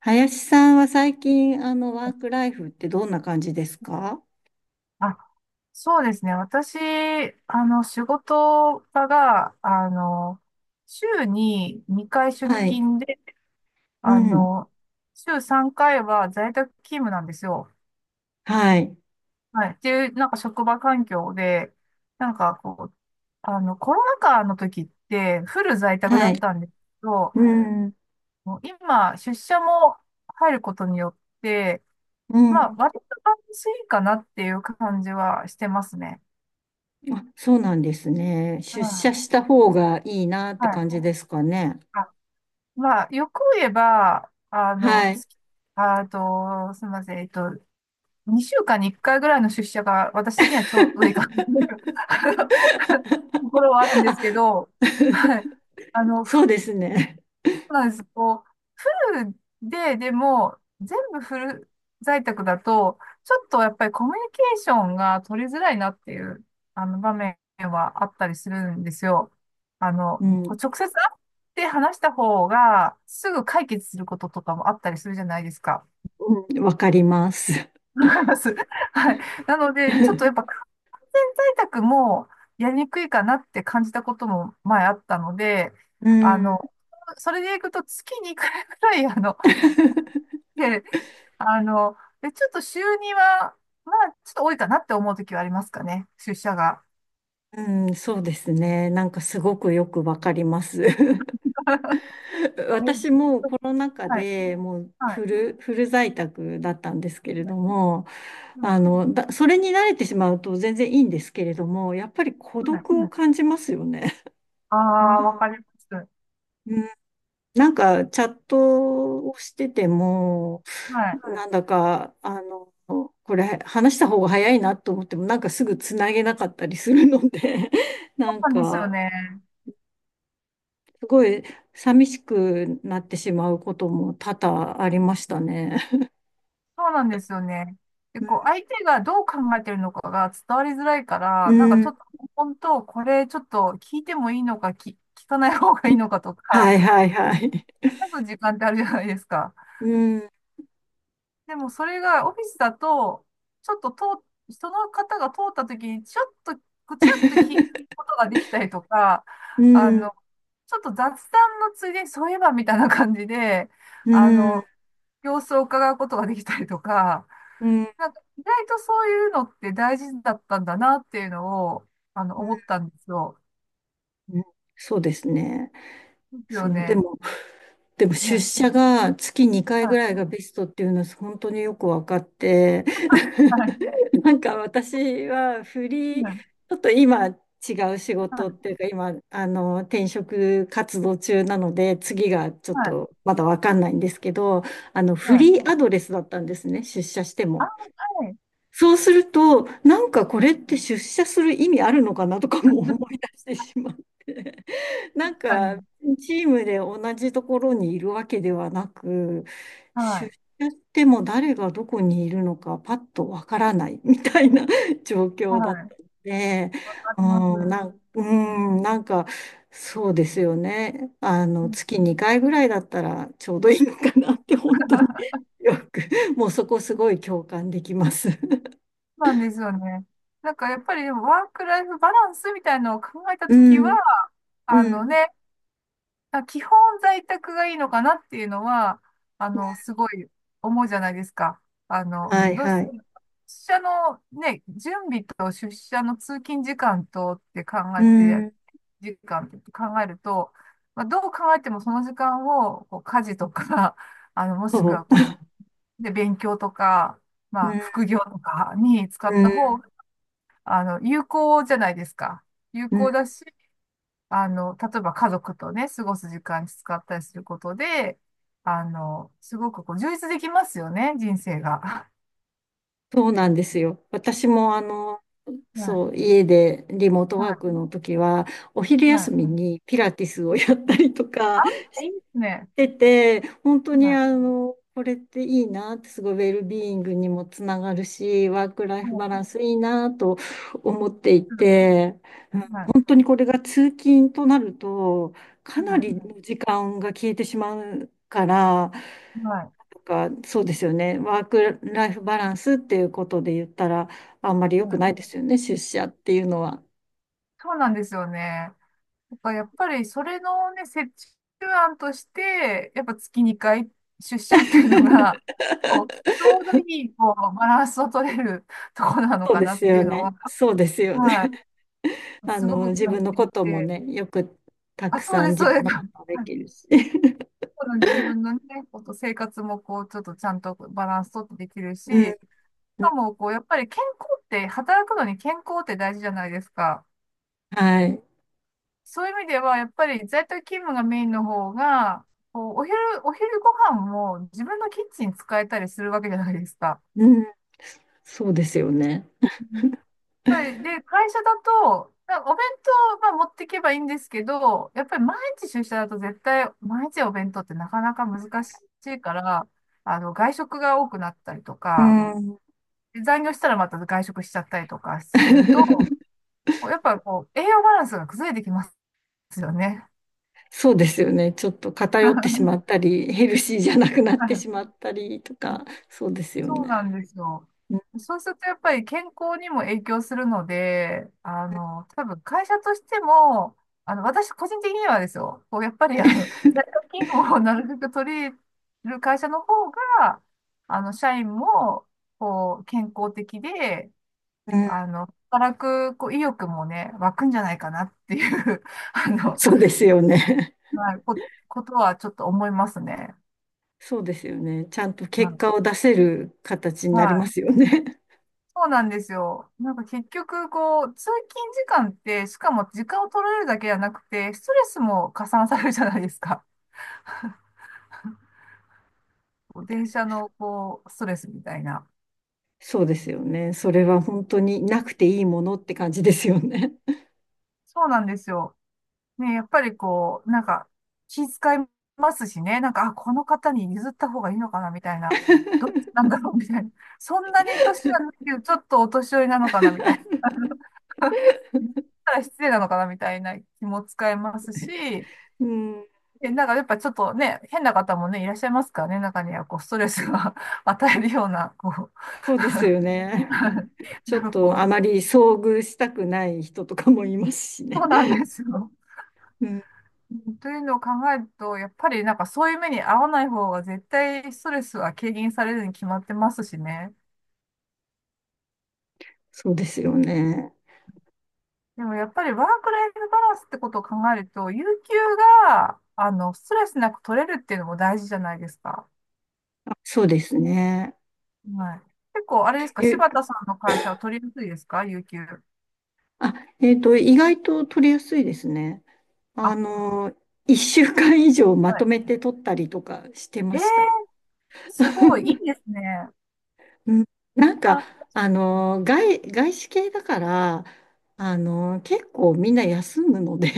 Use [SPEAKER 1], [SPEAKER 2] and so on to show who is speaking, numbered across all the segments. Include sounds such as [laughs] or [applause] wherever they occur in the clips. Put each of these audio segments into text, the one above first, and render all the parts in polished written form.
[SPEAKER 1] 林さんは最近、ワークライフってどんな感じですか？
[SPEAKER 2] あそうですね。私、仕事場が、週に2回出
[SPEAKER 1] はい。
[SPEAKER 2] 勤で、
[SPEAKER 1] う
[SPEAKER 2] あ
[SPEAKER 1] ん。
[SPEAKER 2] の、週3回は在宅勤務なんですよ。
[SPEAKER 1] はい。
[SPEAKER 2] はい。っていう、なんか職場環境で、なんかこう、コロナ禍の時ってフル在宅だ
[SPEAKER 1] は
[SPEAKER 2] っ
[SPEAKER 1] い。
[SPEAKER 2] たんですけど、
[SPEAKER 1] うん。
[SPEAKER 2] もう今、出社も入ることによって、
[SPEAKER 1] う
[SPEAKER 2] まあ、
[SPEAKER 1] ん。
[SPEAKER 2] 割と安心かなっていう感じはしてますね。
[SPEAKER 1] あ、そうなんですね。
[SPEAKER 2] う
[SPEAKER 1] 出社
[SPEAKER 2] ん。
[SPEAKER 1] した方がいいなっ
[SPEAKER 2] は
[SPEAKER 1] て
[SPEAKER 2] い。
[SPEAKER 1] 感じですかね？
[SPEAKER 2] あまあ、よく言えば、
[SPEAKER 1] はい。
[SPEAKER 2] あと、すみません、2週間に1回ぐらいの出社が私的にはちょうどいいかな
[SPEAKER 1] [laughs]
[SPEAKER 2] という [laughs] ところはあるんで
[SPEAKER 1] あ、
[SPEAKER 2] すけど、
[SPEAKER 1] [laughs]
[SPEAKER 2] はい。ふ
[SPEAKER 1] そうですね。
[SPEAKER 2] うなんです。こう、フルで、でも、全部フル在宅だと、ちょっとやっぱりコミュニケーションが取りづらいなっていう、場面はあったりするんですよ。
[SPEAKER 1] う
[SPEAKER 2] こ
[SPEAKER 1] ん。
[SPEAKER 2] う直接会って話した方が、すぐ解決することとかもあったりするじゃないですか。
[SPEAKER 1] うん。わかります。
[SPEAKER 2] わかります。[laughs] はい。なので、ちょっとやっ
[SPEAKER 1] [laughs]
[SPEAKER 2] ぱ完全在宅もやりにくいかなって感じたことも前あったので、
[SPEAKER 1] う
[SPEAKER 2] あ
[SPEAKER 1] ん。
[SPEAKER 2] の、それでいくと月に1回くらい、あの、で、あの、で、ちょっと週入は、まあ、ちょっと多いかなって思う時はありますかね、出社が。
[SPEAKER 1] うん。そうですね。なんかすごくよくわかります。[laughs]
[SPEAKER 2] [laughs] え、
[SPEAKER 1] 私もコロナ禍
[SPEAKER 2] はい、
[SPEAKER 1] でもう
[SPEAKER 2] はい、
[SPEAKER 1] フル在宅だったんですけれ
[SPEAKER 2] は
[SPEAKER 1] ど
[SPEAKER 2] い、
[SPEAKER 1] も、
[SPEAKER 2] うん。
[SPEAKER 1] それに慣れてしまうと全然いいんですけれども、やっぱり孤
[SPEAKER 2] はい。
[SPEAKER 1] 独を感じますよね。
[SPEAKER 2] あ
[SPEAKER 1] [laughs]
[SPEAKER 2] あ、わ
[SPEAKER 1] ああ、
[SPEAKER 2] かります。
[SPEAKER 1] うん、なんかチャットをしてても、
[SPEAKER 2] はい。
[SPEAKER 1] はいなんだか、これ話した方が早いなと思っても、なんかすぐつなげなかったりするので、[laughs]
[SPEAKER 2] そ
[SPEAKER 1] なん
[SPEAKER 2] うなんですよ
[SPEAKER 1] か、
[SPEAKER 2] ね。
[SPEAKER 1] すごい寂しくなってしまうことも多々ありましたね。
[SPEAKER 2] そうなんですよね。でこう相手がどう考えてるのかが伝わりづらいか
[SPEAKER 1] う
[SPEAKER 2] ら、なんかちょ
[SPEAKER 1] ん。
[SPEAKER 2] っと、本当、これちょっと聞いてもいいのか、聞かない方がいいのかとか、
[SPEAKER 1] はいはいはい。
[SPEAKER 2] 悩む時間ってあるじゃないですか。
[SPEAKER 1] うん。
[SPEAKER 2] でもそれがオフィスだと、ちょっと人の方が通った時に、ちょっと、こうちらっと聞くことができたりとか、
[SPEAKER 1] う
[SPEAKER 2] あ
[SPEAKER 1] ん、
[SPEAKER 2] の、ちょっと雑談のついでに、そういえばみたいな感じで、
[SPEAKER 1] う
[SPEAKER 2] あ
[SPEAKER 1] ん、
[SPEAKER 2] の、様子を伺うことができたりとか、
[SPEAKER 1] うん、
[SPEAKER 2] なんか意外とそういうのって大事だったんだなっていうのを、思ったんですよ。
[SPEAKER 1] うん、そうですね。
[SPEAKER 2] ですよ
[SPEAKER 1] そう、で
[SPEAKER 2] ね。
[SPEAKER 1] も、でも
[SPEAKER 2] は
[SPEAKER 1] 出
[SPEAKER 2] い。
[SPEAKER 1] 社が月2回ぐら
[SPEAKER 2] は
[SPEAKER 1] いがベストっていうのは本当によく分かって、
[SPEAKER 2] い。
[SPEAKER 1] [laughs] なんか私はフ
[SPEAKER 2] は
[SPEAKER 1] リー、ち
[SPEAKER 2] い。
[SPEAKER 1] ょっと今違う仕
[SPEAKER 2] は
[SPEAKER 1] 事っ
[SPEAKER 2] い。
[SPEAKER 1] ていうか、今、転職活動中なので、次がちょっ
[SPEAKER 2] はい。は
[SPEAKER 1] と
[SPEAKER 2] い。
[SPEAKER 1] まだ分かんないんですけど、フ
[SPEAKER 2] はい。
[SPEAKER 1] リーアドレスだったんですね、出社して
[SPEAKER 2] あ、
[SPEAKER 1] も。
[SPEAKER 2] はい。
[SPEAKER 1] そうすると、なんかこ
[SPEAKER 2] は
[SPEAKER 1] れっ
[SPEAKER 2] い。
[SPEAKER 1] て出社する意味あるのかなとかも思い
[SPEAKER 2] [laughs]
[SPEAKER 1] 出してしまって、[laughs] な
[SPEAKER 2] 確
[SPEAKER 1] ん
[SPEAKER 2] か
[SPEAKER 1] か
[SPEAKER 2] に。
[SPEAKER 1] チームで同じところにいるわけではなく、
[SPEAKER 2] は
[SPEAKER 1] 出
[SPEAKER 2] い。
[SPEAKER 1] 社しても誰がどこにいるのかパッとわからない [laughs] みたいな [laughs] 状
[SPEAKER 2] は
[SPEAKER 1] 況だった
[SPEAKER 2] い。
[SPEAKER 1] ので、
[SPEAKER 2] わか
[SPEAKER 1] う
[SPEAKER 2] ります。
[SPEAKER 1] ん、う
[SPEAKER 2] うん、
[SPEAKER 1] ん、なんかそうですよね。
[SPEAKER 2] そ
[SPEAKER 1] 月2回ぐらいだったらちょうどいいのかなって本当によく、もうそこすごい共感できます。[laughs]
[SPEAKER 2] うなんですよね。なんかやっぱりでもワークライフバランスみたいなのを考えた
[SPEAKER 1] う
[SPEAKER 2] ときは、
[SPEAKER 1] ん
[SPEAKER 2] あ
[SPEAKER 1] う
[SPEAKER 2] の
[SPEAKER 1] ん。
[SPEAKER 2] ね、基本在宅がいいのかなっていうのは、すごい思うじゃないですか。
[SPEAKER 1] はい
[SPEAKER 2] どうし
[SPEAKER 1] は
[SPEAKER 2] て
[SPEAKER 1] い。
[SPEAKER 2] も、出社のね、準備と出社の通勤時間とって考
[SPEAKER 1] う
[SPEAKER 2] えて、
[SPEAKER 1] ん。
[SPEAKER 2] 時間って考えると、まあ、どう考えてもその時間をこう家事とか、[laughs] もしくは
[SPEAKER 1] そ
[SPEAKER 2] こう
[SPEAKER 1] う。
[SPEAKER 2] で、勉強とか、
[SPEAKER 1] う
[SPEAKER 2] まあ、
[SPEAKER 1] ん。
[SPEAKER 2] 副業とかに使
[SPEAKER 1] う
[SPEAKER 2] った方
[SPEAKER 1] ん。
[SPEAKER 2] が、有効じゃないですか。有
[SPEAKER 1] うん。
[SPEAKER 2] 効だし、例えば家族とね、過ごす時間に使ったりすることで、すごくこう、充実できますよね、人生が。[laughs]
[SPEAKER 1] そうなんですよ。私も
[SPEAKER 2] はい、
[SPEAKER 1] そう、家でリモートワーク
[SPEAKER 2] は
[SPEAKER 1] の時は、お昼
[SPEAKER 2] い、
[SPEAKER 1] 休
[SPEAKER 2] は
[SPEAKER 1] みにピラティスをやったりとか
[SPEAKER 2] い。
[SPEAKER 1] し
[SPEAKER 2] いいですね。
[SPEAKER 1] てて、本当に
[SPEAKER 2] はい、
[SPEAKER 1] これっていいなって、すごいウェルビーイングにもつながるし、ワークライ
[SPEAKER 2] は
[SPEAKER 1] フ
[SPEAKER 2] い、
[SPEAKER 1] バランスいいなと思っていて、
[SPEAKER 2] はい、
[SPEAKER 1] 本当にこれが通勤となると、かなり
[SPEAKER 2] は
[SPEAKER 1] の時間が消えてしまうから、な
[SPEAKER 2] い、はい。
[SPEAKER 1] んかそうですよね、ワークライフバランスっていうことで言ったら、あんまり良
[SPEAKER 2] は
[SPEAKER 1] く
[SPEAKER 2] い。
[SPEAKER 1] ないですよね、出社っていうのは。
[SPEAKER 2] そうなんですよね。なんかやっぱりそれのね、折衷案として、やっぱ月2回出社っていうのが、こう、ちょうどいい、こう、バランスを取れるところなの
[SPEAKER 1] そう
[SPEAKER 2] か
[SPEAKER 1] で
[SPEAKER 2] なっ
[SPEAKER 1] す
[SPEAKER 2] てい
[SPEAKER 1] よ
[SPEAKER 2] うの
[SPEAKER 1] ね、
[SPEAKER 2] は、
[SPEAKER 1] そうですよね。
[SPEAKER 2] は
[SPEAKER 1] [laughs]
[SPEAKER 2] い、すごく
[SPEAKER 1] 自
[SPEAKER 2] 感
[SPEAKER 1] 分
[SPEAKER 2] じ
[SPEAKER 1] の
[SPEAKER 2] てい
[SPEAKER 1] ことも
[SPEAKER 2] て、
[SPEAKER 1] ね、よくた
[SPEAKER 2] あ、
[SPEAKER 1] く
[SPEAKER 2] そう
[SPEAKER 1] さん
[SPEAKER 2] です、
[SPEAKER 1] 自
[SPEAKER 2] そう
[SPEAKER 1] 分
[SPEAKER 2] で
[SPEAKER 1] の
[SPEAKER 2] す。
[SPEAKER 1] ことも
[SPEAKER 2] [laughs]
[SPEAKER 1] で
[SPEAKER 2] はい。
[SPEAKER 1] きるし。[laughs]
[SPEAKER 2] この自分のね、生活もこう、ちょっとちゃんとバランス取ってできるし、
[SPEAKER 1] うん、
[SPEAKER 2] し
[SPEAKER 1] うん
[SPEAKER 2] かもこう、やっぱり健康って、働くのに健康って大事じゃないですか。
[SPEAKER 1] はい。
[SPEAKER 2] そういう意味では、やっぱり在宅勤務がメインの方が、こう、お昼ご飯も自分のキッチン使えたりするわけじゃないですか。
[SPEAKER 1] うん、そうですよね。
[SPEAKER 2] うん。やっぱりで、会社だと、なお弁当は持っていけばいいんですけど、やっぱり毎日出社だと絶対、毎日お弁当ってなかなか難しいから、外食が多くなったりと
[SPEAKER 1] う
[SPEAKER 2] か、
[SPEAKER 1] ん。
[SPEAKER 2] で残業したらまた外食しちゃったりとかすると、
[SPEAKER 1] [laughs]
[SPEAKER 2] やっぱこう、栄養バランスが崩れてきますよね。
[SPEAKER 1] そうですよね。ちょっと偏ってしま
[SPEAKER 2] [laughs]
[SPEAKER 1] ったり、ヘルシーじゃなくなってしまったりとか、そうですよ
[SPEAKER 2] そうな
[SPEAKER 1] ね。
[SPEAKER 2] んですよ。
[SPEAKER 1] うん、
[SPEAKER 2] そうするとやっぱり健康にも影響するので、多分会社としても、私個人的にはですよ、こうやっぱり在宅勤務をなるべく取り入れる会社の方が、社員も、こう、健康的で、
[SPEAKER 1] うん
[SPEAKER 2] 働く、こう、意欲もね、湧くんじゃないかなっていう [laughs] あの、
[SPEAKER 1] そうですよね。
[SPEAKER 2] はい、こ、ことはちょっと思いますね。
[SPEAKER 1] そうですよね。ちゃんと
[SPEAKER 2] は
[SPEAKER 1] 結
[SPEAKER 2] い。
[SPEAKER 1] 果を出せる形に
[SPEAKER 2] は
[SPEAKER 1] なりま
[SPEAKER 2] い。
[SPEAKER 1] すよね。
[SPEAKER 2] そうなんですよ。なんか結局、こう、通勤時間って、しかも時間を取られるだけじゃなくて、ストレスも加算されるじゃないですか。[laughs] こう電車の、こう、ストレスみたいな。
[SPEAKER 1] そうですよね。それは本当になくていいものって感じですよね。
[SPEAKER 2] そうなんですよ。ね、やっぱりこう、なんか、気遣いますしね、なんか、あ、この方に譲った方がいいのかな、みたいな。どっちなんだろう、みたいな。[laughs] そんなに年じゃないけど、ちょっとお年寄りなのかな、みたいな。[laughs] 言ったら失礼なのかな、みたいな気も使いますし、
[SPEAKER 1] うん、
[SPEAKER 2] え、なんかやっぱちょっとね、変な方もね、いらっしゃいますからね、中にはこう、ストレスが [laughs] 与えるような、こ
[SPEAKER 1] そうですよ
[SPEAKER 2] う
[SPEAKER 1] ね。
[SPEAKER 2] [laughs]
[SPEAKER 1] ち
[SPEAKER 2] なん
[SPEAKER 1] ょっ
[SPEAKER 2] かこ
[SPEAKER 1] とあ
[SPEAKER 2] う、
[SPEAKER 1] まり遭遇したくない人とかもいますしね。
[SPEAKER 2] そうなんですよ。
[SPEAKER 1] うん、
[SPEAKER 2] [laughs] というのを考えると、やっぱりなんかそういう目に遭わない方が絶対ストレスは軽減されるに決まってますしね。
[SPEAKER 1] そうですよね。
[SPEAKER 2] でもやっぱりワークライフバランスってことを考えると、有給が、ストレスなく取れるっていうのも大事じゃないですか。
[SPEAKER 1] あ、そうですね。
[SPEAKER 2] はい。結構、あれですか、
[SPEAKER 1] ゆ
[SPEAKER 2] 柴田さんの会社は取りやすいですか、有給。
[SPEAKER 1] あ、えっと、意外と取りやすいですね。
[SPEAKER 2] あ、
[SPEAKER 1] あの、1週間以上ま
[SPEAKER 2] は
[SPEAKER 1] と
[SPEAKER 2] い。
[SPEAKER 1] めて取ったりとかして
[SPEAKER 2] え
[SPEAKER 1] ました。
[SPEAKER 2] ーすごい、いい
[SPEAKER 1] [laughs]
[SPEAKER 2] ですね。
[SPEAKER 1] うん、なんか、
[SPEAKER 2] な、
[SPEAKER 1] 外資系だから、結構みんな休むので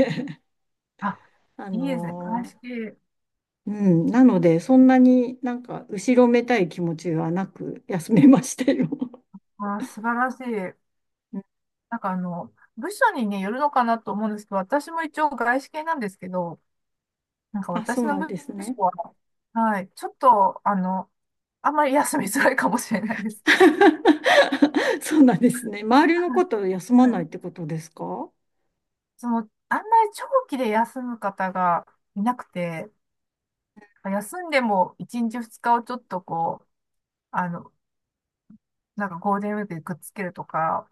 [SPEAKER 2] あ、
[SPEAKER 1] [laughs] あ
[SPEAKER 2] いいですね。鑑
[SPEAKER 1] の、
[SPEAKER 2] 識
[SPEAKER 1] うん、なので、そんなになんか、後ろめたい気持ちはなく休めましたよ。[laughs]
[SPEAKER 2] は素晴らしい。
[SPEAKER 1] うん、
[SPEAKER 2] なんか部署にね、よるのかなと思うんですけど、私も一応外資系なんですけど、なんか
[SPEAKER 1] あ、そ
[SPEAKER 2] 私
[SPEAKER 1] う
[SPEAKER 2] の
[SPEAKER 1] なん
[SPEAKER 2] 部
[SPEAKER 1] です
[SPEAKER 2] 署
[SPEAKER 1] ね。
[SPEAKER 2] は、はい、ちょっと、あんまり休みづらいかもしれないです。
[SPEAKER 1] [laughs] そうなんですね。周りのこと休
[SPEAKER 2] [laughs]
[SPEAKER 1] ま
[SPEAKER 2] はい。
[SPEAKER 1] ないってことですか？
[SPEAKER 2] あんまり長期で休む方がいなくて、休んでも1日2日をちょっとこう、あの、なんかゴールデンウィークでくっつけるとか、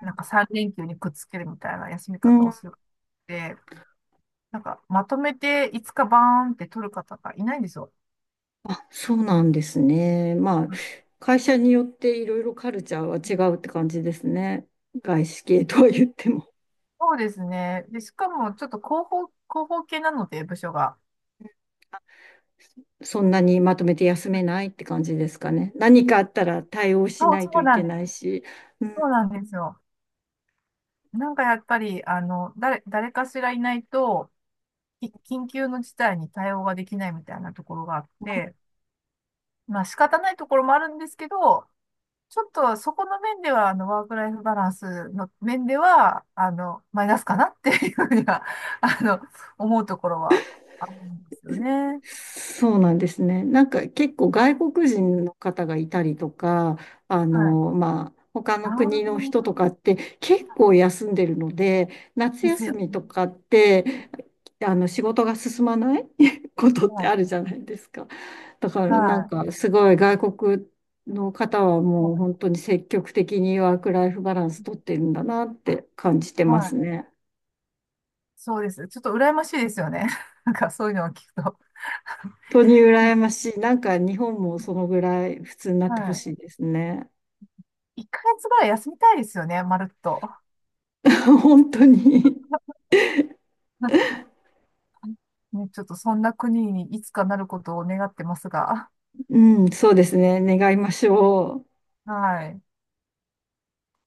[SPEAKER 2] なんか3連休にくっつけるみたいな休み
[SPEAKER 1] う
[SPEAKER 2] 方を
[SPEAKER 1] ん、
[SPEAKER 2] するって、なんかまとめていつかバーンって取る方がいないんですよ。
[SPEAKER 1] あ、そうなんですね。まあ、
[SPEAKER 2] うん。
[SPEAKER 1] 会社によっていろいろカルチャーは違うって感じですね。外資系とは言っても。
[SPEAKER 2] そうですね。で、しかもちょっと広報系なので、部署が。
[SPEAKER 1] そんなにまとめて休めないって感じですかね？何かあったら対応し
[SPEAKER 2] そう、
[SPEAKER 1] な
[SPEAKER 2] そ
[SPEAKER 1] いと
[SPEAKER 2] う
[SPEAKER 1] い
[SPEAKER 2] な
[SPEAKER 1] け
[SPEAKER 2] んです。
[SPEAKER 1] ないし。うん、
[SPEAKER 2] そうなんですよ。なんかやっぱり、誰かしらいないと、緊急の事態に対応ができないみたいなところがあって、まあ仕方ないところもあるんですけど、ちょっとそこの面では、ワークライフバランスの面では、マイナスかなっていうふうには、[laughs] あの、思うところはあるんですよね。
[SPEAKER 1] そうなんですね。なんか結構外国人の方がいたりとか、
[SPEAKER 2] はい。
[SPEAKER 1] まあ、他
[SPEAKER 2] あ
[SPEAKER 1] の国の人と
[SPEAKER 2] あ、
[SPEAKER 1] かって結構休んでるので、夏
[SPEAKER 2] です
[SPEAKER 1] 休
[SPEAKER 2] よ。
[SPEAKER 1] みとかってあの仕事が進まない [laughs] ことっ
[SPEAKER 2] は
[SPEAKER 1] てあ
[SPEAKER 2] い。
[SPEAKER 1] るじゃないですか。だからなん
[SPEAKER 2] は
[SPEAKER 1] かすごい外国の方は
[SPEAKER 2] い。
[SPEAKER 1] も
[SPEAKER 2] は
[SPEAKER 1] う本
[SPEAKER 2] い。
[SPEAKER 1] 当に積極的にワークライフバランス取ってるんだなって感じて
[SPEAKER 2] は
[SPEAKER 1] ます
[SPEAKER 2] い。
[SPEAKER 1] ね。
[SPEAKER 2] そうです。ちょっと羨ましいですよね。[laughs] なんかそういうのを聞くと。
[SPEAKER 1] 本当に
[SPEAKER 2] でも、
[SPEAKER 1] 羨ましい。なんか日本もそのぐらい普通になってほし
[SPEAKER 2] は
[SPEAKER 1] いですね。
[SPEAKER 2] い。1ヶ月ぐらい休みたいですよね、まるっと。
[SPEAKER 1] [laughs] 本当に。
[SPEAKER 2] [laughs] ね、ちょっとそんな国にいつかなることを願ってますが。
[SPEAKER 1] うん、そうですね。願いましょう。
[SPEAKER 2] はい。